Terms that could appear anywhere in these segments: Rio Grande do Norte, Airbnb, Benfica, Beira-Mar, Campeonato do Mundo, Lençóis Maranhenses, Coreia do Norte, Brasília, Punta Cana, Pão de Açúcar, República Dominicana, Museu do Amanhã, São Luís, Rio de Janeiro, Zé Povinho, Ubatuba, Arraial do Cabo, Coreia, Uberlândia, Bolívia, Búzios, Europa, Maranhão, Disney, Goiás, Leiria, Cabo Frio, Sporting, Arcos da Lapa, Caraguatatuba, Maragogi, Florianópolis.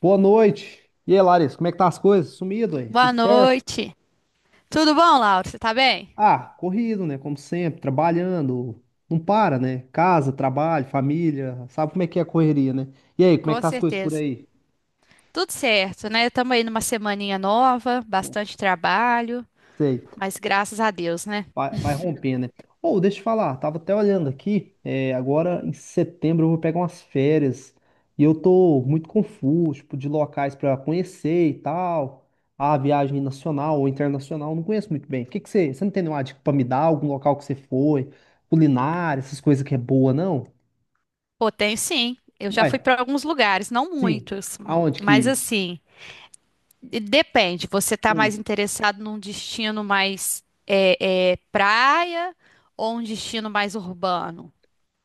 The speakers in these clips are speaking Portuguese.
Boa noite. E aí, Larissa, como é que tá as coisas? Sumido aí? Boa Tudo certo? noite. Tudo bom, Laura? Você tá bem? Ah, corrido, né? Como sempre, trabalhando. Não para, né? Casa, trabalho, família. Sabe como é que é a correria, né? E aí, como é que Com tá as coisas por certeza. aí? Tudo certo, né? Estamos aí numa semaninha nova, Não bastante trabalho, sei. mas graças a Deus, né? Vai romper, né? Ou deixa eu falar, tava até olhando aqui, agora em setembro eu vou pegar umas férias e eu tô muito confuso, tipo, de locais pra conhecer e tal. A viagem nacional ou internacional, eu não conheço muito bem. O que que você não tem nenhuma dica pra me dar? Algum local que você foi, culinária, essas coisas que é boa, não? Pô, tem sim. Eu já Ué, fui para alguns lugares, não sim. muitos, Aonde mas que? assim, e depende. Você tá mais Hum. interessado num destino mais praia ou um destino mais urbano?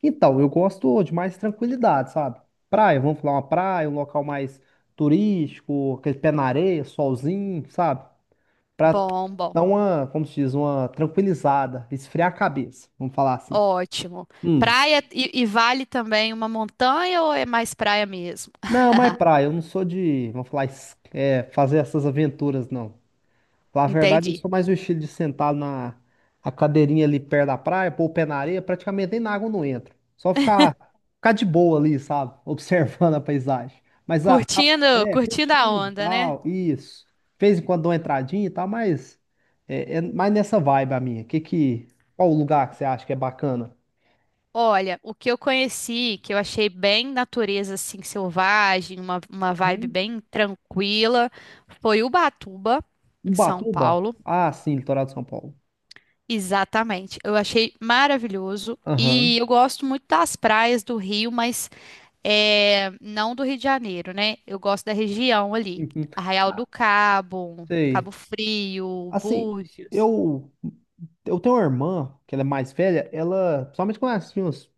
Então, eu gosto de mais tranquilidade, sabe? Praia, vamos falar uma praia, um local mais turístico, aquele pé na areia, solzinho, sabe? Pra Bom, bom. dar uma, como se diz, uma tranquilizada, esfriar a cabeça, vamos falar assim. Ótimo. Hum. Praia e vale também uma montanha ou é mais praia mesmo? Não, mas praia, eu não sou de, vamos falar, fazer essas aventuras, não. Na verdade, eu Entendi. sou mais o estilo de sentar na a cadeirinha ali perto da praia, pôr o pé na areia, praticamente nem na água eu não entro. Só ficar de boa ali, sabe? Observando a paisagem. Mas a, a- Curtindo, É, curtindo a curtindo e onda, né? tal, isso. De vez em quando dou uma entradinha e tal, mas é mais nessa vibe a minha. Qual o lugar que você acha que é bacana? Olha, o que eu conheci, que eu achei bem natureza assim selvagem, uma vibe Uhum. bem tranquila, foi Ubatuba, em São Ubatuba? Paulo. Ah, sim, litoral de São Paulo. Exatamente. Eu achei maravilhoso e Aham. eu gosto muito das praias do Rio, mas é, não do Rio de Janeiro, né? Eu gosto da região ali, Uhum. Arraial Ah, do Cabo, sei. Cabo Frio, Assim, Búzios. eu, eu tenho uma irmã, que ela é mais velha, ela, principalmente quando ela tinha uns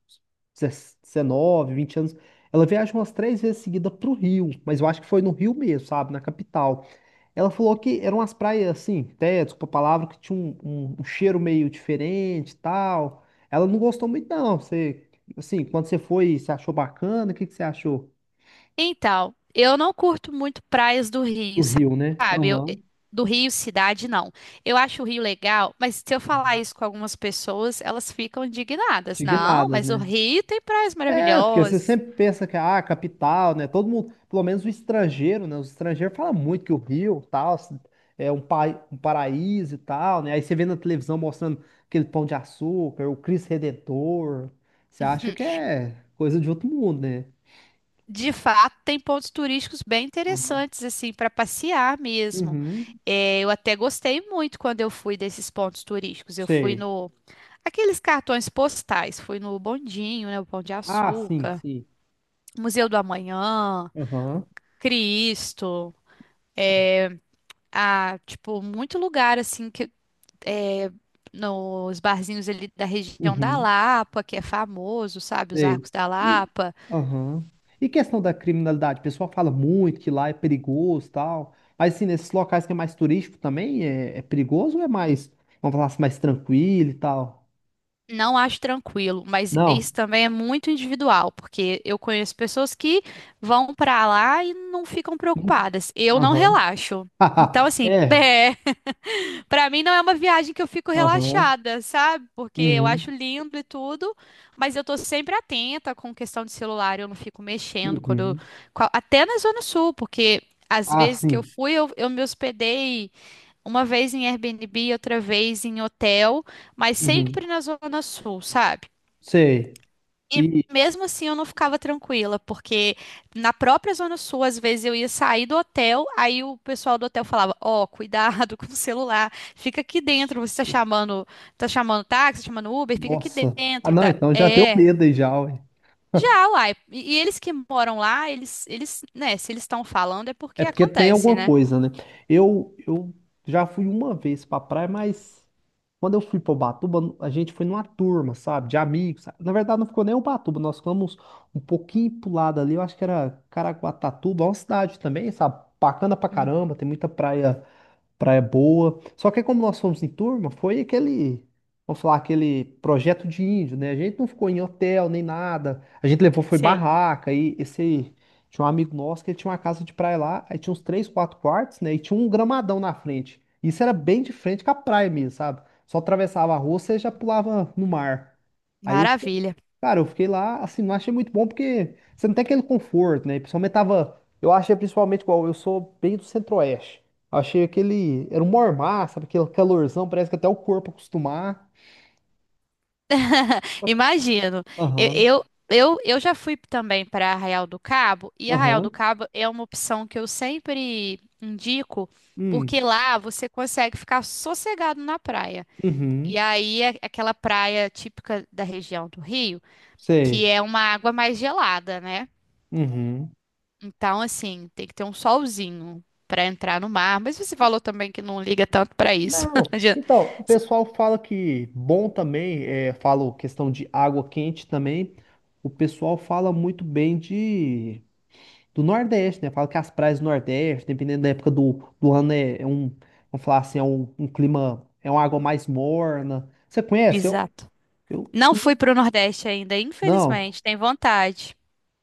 19, 20 anos, ela viaja umas três vezes seguida pro Rio, mas eu acho que foi no Rio mesmo, sabe, na capital. Ela falou que eram umas praias, assim, até, desculpa a palavra, que tinha um cheiro meio diferente e tal. Ela não gostou muito, não. Você, assim, quando você foi, você achou bacana? O que que você achou Então, eu não curto muito praias do Rio, do Rio, né? sabe? Eu, Aham. do Rio, cidade, não. Eu acho o Rio legal, mas se eu falar isso com algumas pessoas, elas ficam indignadas. Não, Indignadas, mas o né? Rio tem praias É, porque você maravilhosas. sempre pensa que ah, capital, né? Todo mundo, pelo menos o estrangeiro, né? Os estrangeiros falam muito que o Rio, tal, assim, é um paraíso e tal, né? Aí você vê na televisão mostrando aquele pão de açúcar, o Cristo Redentor. Você acha que é coisa de outro mundo, né? De fato, tem pontos turísticos bem Uhum. interessantes, assim, para passear mesmo. Uhum. É, eu até gostei muito quando eu fui desses pontos turísticos. Eu fui Sei. no... Aqueles cartões postais. Fui no Bondinho, né? O Pão de Ah, sim, Açúcar. sim. Museu do Amanhã. Aham. Cristo. A, tipo, muito lugar assim que é, nos barzinhos ali da região da Uhum. Lapa, que é famoso, sabe? Os Sei. Arcos da E, Lapa. aham. E questão da criminalidade? O pessoal fala muito que lá é perigoso e tal. Mas assim, nesses locais que é mais turístico também, é perigoso ou é mais, vamos falar assim, mais tranquilo e tal? Não acho tranquilo, mas Não. isso também é muito individual, porque eu conheço pessoas que vão pra lá e não ficam Hum, preocupadas. Eu não aham. relaxo. Então, assim, É. pra mim não é uma viagem que eu fico Aham. relaxada, sabe? Porque eu Uhum. acho lindo e tudo, mas eu tô sempre atenta com questão de celular, eu não fico mexendo quando eu, Uhum. qua- até na Zona Sul, porque às Ah, vezes que eu sim. fui, eu me hospedei uma vez em Airbnb, outra vez em hotel, mas Uhum. sempre na Zona Sul, sabe? Sei. E E. mesmo assim eu não ficava tranquila, porque na própria Zona Sul, às vezes eu ia sair do hotel, aí o pessoal do hotel falava: Ó, cuidado com o celular, fica aqui dentro, você tá chamando táxi, tá chamando Uber, fica aqui Nossa. Ah, dentro, não, tá? então já deu É. medo aí já, ué. Já, uai. E eles que moram lá, eles, né, se eles estão falando é É porque porque tem acontece, alguma né? coisa, né? Eu já fui uma vez pra praia, mas quando eu fui pra Ubatuba, a gente foi numa turma, sabe? De amigos. Sabe? Na verdade, não ficou nem Ubatuba, nós ficamos um pouquinho pro lado ali, eu acho que era Caraguatatuba, é uma cidade também, sabe? Bacana pra Hum, caramba, tem muita praia boa. Só que como nós fomos em turma, foi aquele, vamos falar, aquele projeto de índio, né? A gente não ficou em hotel nem nada. A gente levou, foi sei. barraca. E esse, tinha um amigo nosso que ele tinha uma casa de praia lá, aí tinha uns três, quatro quartos, né? E tinha um gramadão na frente. Isso era bem de frente com a praia mesmo, sabe? Só atravessava a rua, você já pulava no mar. Aí eu, Maravilha. Cara, eu fiquei lá, assim, não achei muito bom porque você não tem aquele conforto, né? Principalmente tava. Eu achei principalmente igual, eu sou bem do centro-oeste. Achei aquele. Era um mormaço, sabe? Aquele calorzão, parece que até o corpo acostumar. Imagino. Eu, Aham, eu, eu, eu já fui também para Arraial do Cabo, e Arraial aham. do Cabo é uma opção que eu sempre indico, Hum, porque lá você consegue ficar sossegado na praia. uhum, E aí é aquela praia típica da região do Rio, que sei. é uma água mais gelada, né? Uhum. Então, assim, tem que ter um solzinho para entrar no mar. Mas você falou também que não liga tanto para isso. Não. Já- Então, o pessoal fala que bom também, falo questão de água quente também. O pessoal fala muito bem de. Do Nordeste, né? Fala que as praias do Nordeste, dependendo da época do ano, vamos falar assim, é um clima, é uma água mais morna. Você conhece? Eu, Exato. eu Não fui fui para o Nordeste ainda, não. infelizmente. Tem vontade.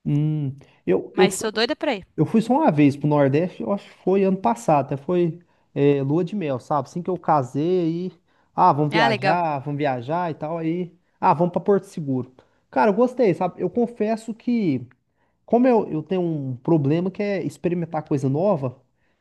Hum, eu, eu Mas fui, sou doida pra ir. eu fui só uma vez pro Nordeste, eu acho que foi ano passado, lua de mel, sabe? Assim que eu casei, aí, ah, Ah, legal. Vamos viajar e tal, aí, ah, vamos pra Porto Seguro. Cara, eu gostei, sabe? Eu confesso que como eu tenho um problema que é experimentar coisa nova,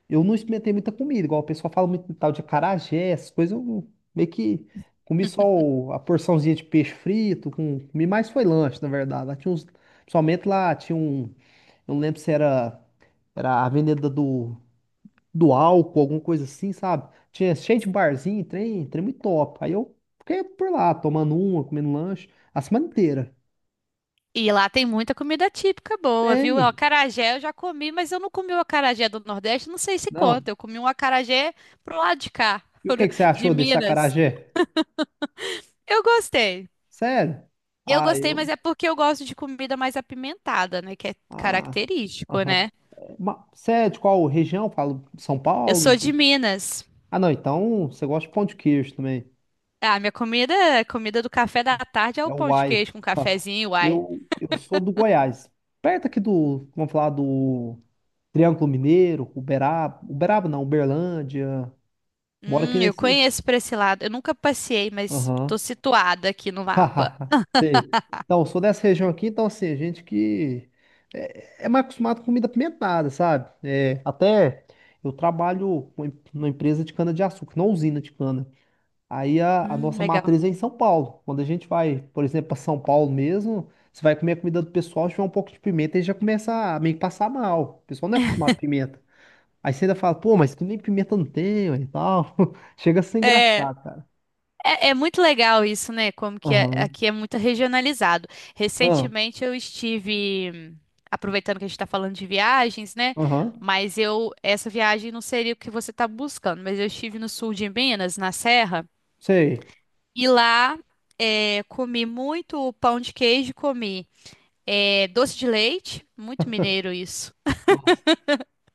eu não experimentei muita comida, igual o pessoal fala muito de tal de acarajé, essas coisas, eu não- meio que comi só a porçãozinha de peixe frito, comi mais foi lanche, na verdade. Principalmente lá tinha um, eu não lembro se era, era a venda do álcool, alguma coisa assim, sabe? Tinha cheio de barzinho, trem muito top. Aí eu fiquei por lá, tomando uma, comendo lanche, a semana inteira. E lá tem muita comida típica boa, viu? O Tem, acarajé eu já comi, mas eu não comi o acarajé do Nordeste, não sei se não. conta. Eu comi um acarajé pro lado de cá, E o que que você de achou desse Minas. acarajé? Eu gostei. Sério? Eu Ah, gostei, mas eu. é porque eu gosto de comida mais apimentada, né? Que é Ah. característico, Aham. né? Você é de qual região? Falo de São Eu Paulo? sou de De- Minas. Ah, não, então você gosta de pão de queijo também. Ah, minha comida, a comida do café da tarde é o É o pão de uai. queijo com Ah, cafezinho, uai. Eu sou do Goiás. Perto aqui do. Vamos falar do Triângulo Mineiro, Uberaba. Uberaba não, Uberlândia. Moro aqui Eu nesse. conheço pra esse lado. Eu nunca passei, mas Aham. tô situada aqui no mapa. Hahaha, sei. Então, eu sou dessa região aqui, então, assim, a gente que é mais acostumado com comida apimentada, sabe? É, até eu trabalho com numa empresa de cana-de-açúcar, numa usina de cana. Aí a nossa Legal. matriz é em São Paulo. Quando a gente vai, por exemplo, para São Paulo mesmo, você vai comer a comida do pessoal, tiver um pouco de pimenta e já começa a meio que passar mal. O pessoal não é acostumado com pimenta. Aí você ainda fala, pô, mas que nem pimenta não tem, ué, e tal. Chega a ser É, engraçado, cara. é muito legal isso, né? Como que é- Aham. aqui é muito regionalizado. Ah, Recentemente eu estive, aproveitando que a gente está falando de viagens, né? aham. Mas eu, essa viagem não seria o que você está buscando, mas eu estive no sul de Minas, na Serra, Sei. e lá é, comi muito pão de queijo, comi é, doce de leite, muito mineiro isso.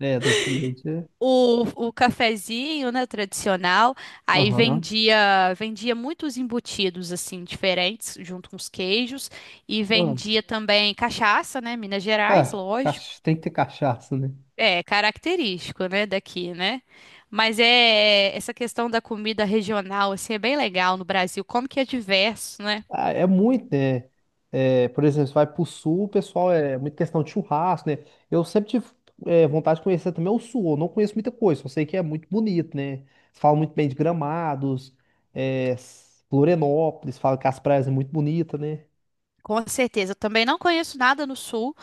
É, doce de leite, é. O cafezinho, né, tradicional, aí Aham. vendia muitos embutidos assim diferentes, junto com os queijos, e Ah, vendia também cachaça, né, Minas Gerais, lógico, tem que ter cachaça, né? é característico, né, daqui, né? Mas é essa questão da comida regional assim é bem legal no Brasil, como que é diverso, né? Ah, é muito, né? É, por exemplo, você vai pro sul, o pessoal é muito questão de churrasco, né? Eu sempre tive vontade de conhecer também o sul. Eu não conheço muita coisa, só sei que é muito bonito, né? Falam muito bem de Gramados, Florianópolis, falam que as praias é muito bonita, né? Com certeza, eu também não conheço nada no sul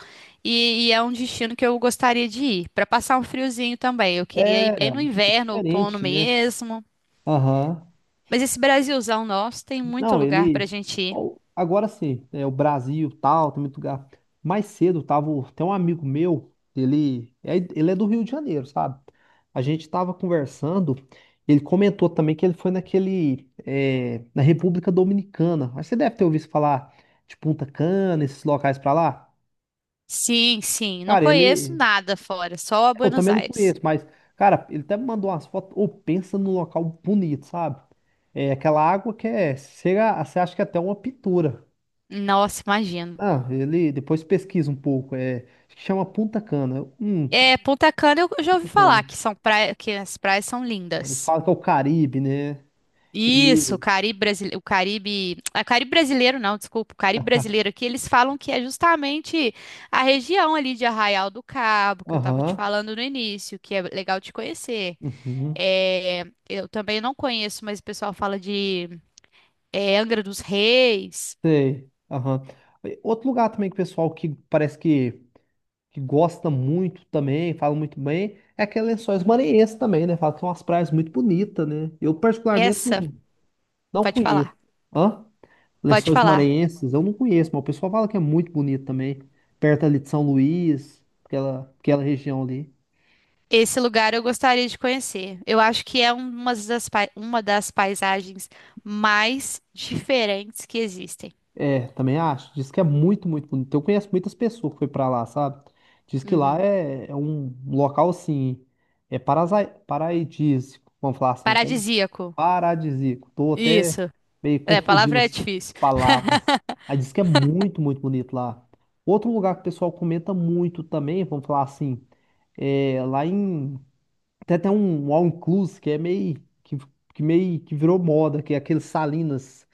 e é um destino que eu gostaria de ir, para passar um friozinho também. Eu queria É, ir bem no é inverno, outono diferente, né? mesmo. Aham. Mas esse Brasilzão nosso tem muito Não, lugar pra ele. gente ir. Ó, agora sim, é o Brasil tal, tem muito lugar. Mais cedo tava. Tem um amigo meu, ele é do Rio de Janeiro, sabe? A gente tava conversando, ele comentou também que ele foi naquele. É, na República Dominicana. Mas você deve ter ouvido falar de Punta Cana, esses locais pra lá. Sim, sim. Não Cara, conheço ele. nada fora, só Eu Buenos também não Aires. conheço, mas, cara, ele até me mandou umas fotos. Ou pensa num local bonito, sabe? É aquela água que é. Chega, você acha que é até uma pintura. Nossa, imagino. Ah, ele depois pesquisa um pouco. É, acho que chama Punta Cana. É, Punta Cana eu já Punta ouvi falar Cana. que são praia, que as praias são É, eles lindas. falam que é o Caribe, né? Isso, o Ele. Caribe brasileiro, o Caribe, ah, Caribe brasileiro não, desculpa, o Caribe brasileiro aqui, eles falam que é justamente a região ali de Arraial do Cabo, que eu tava te Aham. falando no início, que é legal de conhecer. Uhum. É, eu também não conheço, mas o pessoal fala de é, Angra dos Reis. Sei. Aham. E outro lugar também que o pessoal que parece que gosta muito também, fala muito bem, é aquele Lençóis Maranhenses também, né? Fala que são umas praias muito bonitas, né? Eu particularmente Essa, não, não pode conheço. falar, Hã? pode Lençóis falar. Maranhenses, eu não conheço, mas o pessoal fala que é muito bonito também. Perto ali de São Luís, aquela região ali. Esse lugar eu gostaria de conhecer. Eu acho que é uma das, pai- uma das paisagens mais diferentes que existem. É, também acho. Diz que é muito, muito bonito. Eu conheço muitas pessoas que foi pra lá, sabe? Diz que lá Uhum. é, é um local assim, paradisíaco, vamos falar assim, então, Paradisíaco. paradisíaco. Tô até Isso. meio É, a confundindo palavra é as difícil. palavras. Aí diz que é muito, muito bonito lá. Outro lugar que o pessoal comenta muito também, vamos falar assim, é lá em tem até um all-inclusive que é que, que meio que virou moda, que é aquele Salinas,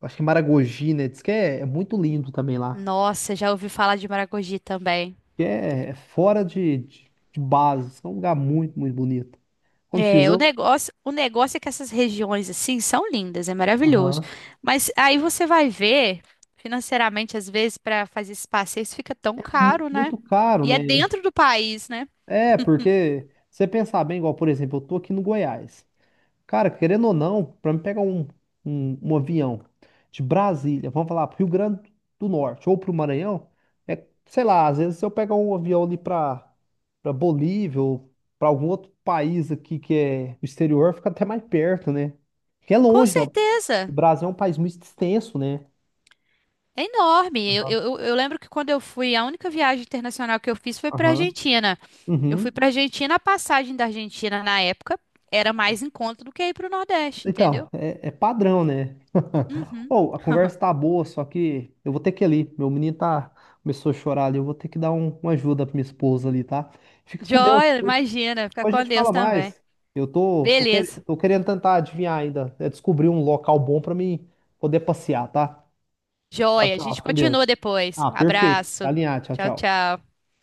acho que é Maragogi, né? Diz que é, é muito lindo também lá. Nossa, já ouvi falar de Maragogi também. Que é, é fora de base, diz que é um lugar muito, muito bonito. Como diz, É, eu- o negócio é que essas regiões assim são lindas, é maravilhoso. Aham. Mas aí você vai ver, financeiramente, às vezes, para fazer esses passeios fica tão caro, né? Muito caro, E é né? dentro do país, né? É, porque você pensar bem, igual, por exemplo, eu tô aqui no Goiás. Cara, querendo ou não, para me pegar um avião de Brasília, vamos falar pro Rio Grande do Norte ou pro Maranhão, é, sei lá, às vezes se eu pegar um avião ali pra para Bolívia ou pra algum outro país aqui que é o exterior, fica até mais perto, né? Que é Com longe, né? O certeza. Brasil é um país muito extenso, né? É enorme. Eu, Aham. eu, eu eu lembro que quando eu fui, a única viagem internacional que eu fiz foi para Aham. Argentina. Eu fui Uhum. para Argentina, a passagem da Argentina na época era mais em conta do que ir para o Nordeste, Então, entendeu? é, é padrão, né? Ou a conversa tá boa, só que eu vou ter que ir ali. Meu menino tá começou a chorar ali. Eu vou ter que dar uma ajuda pra minha esposa ali, tá? Fica com Deus. Joia, Hoje, imagina, fica a com gente Deus fala também. mais. Eu tô, tô, quer- Beleza. Tô querendo tentar adivinhar ainda, é descobrir um local bom pra mim poder passear, tá? Tchau, Joia, a gente tchau. Com Deus. continua depois. Ah, perfeito. Tá Abraço. alinhado. Tchau, Tchau, tchau. tchau.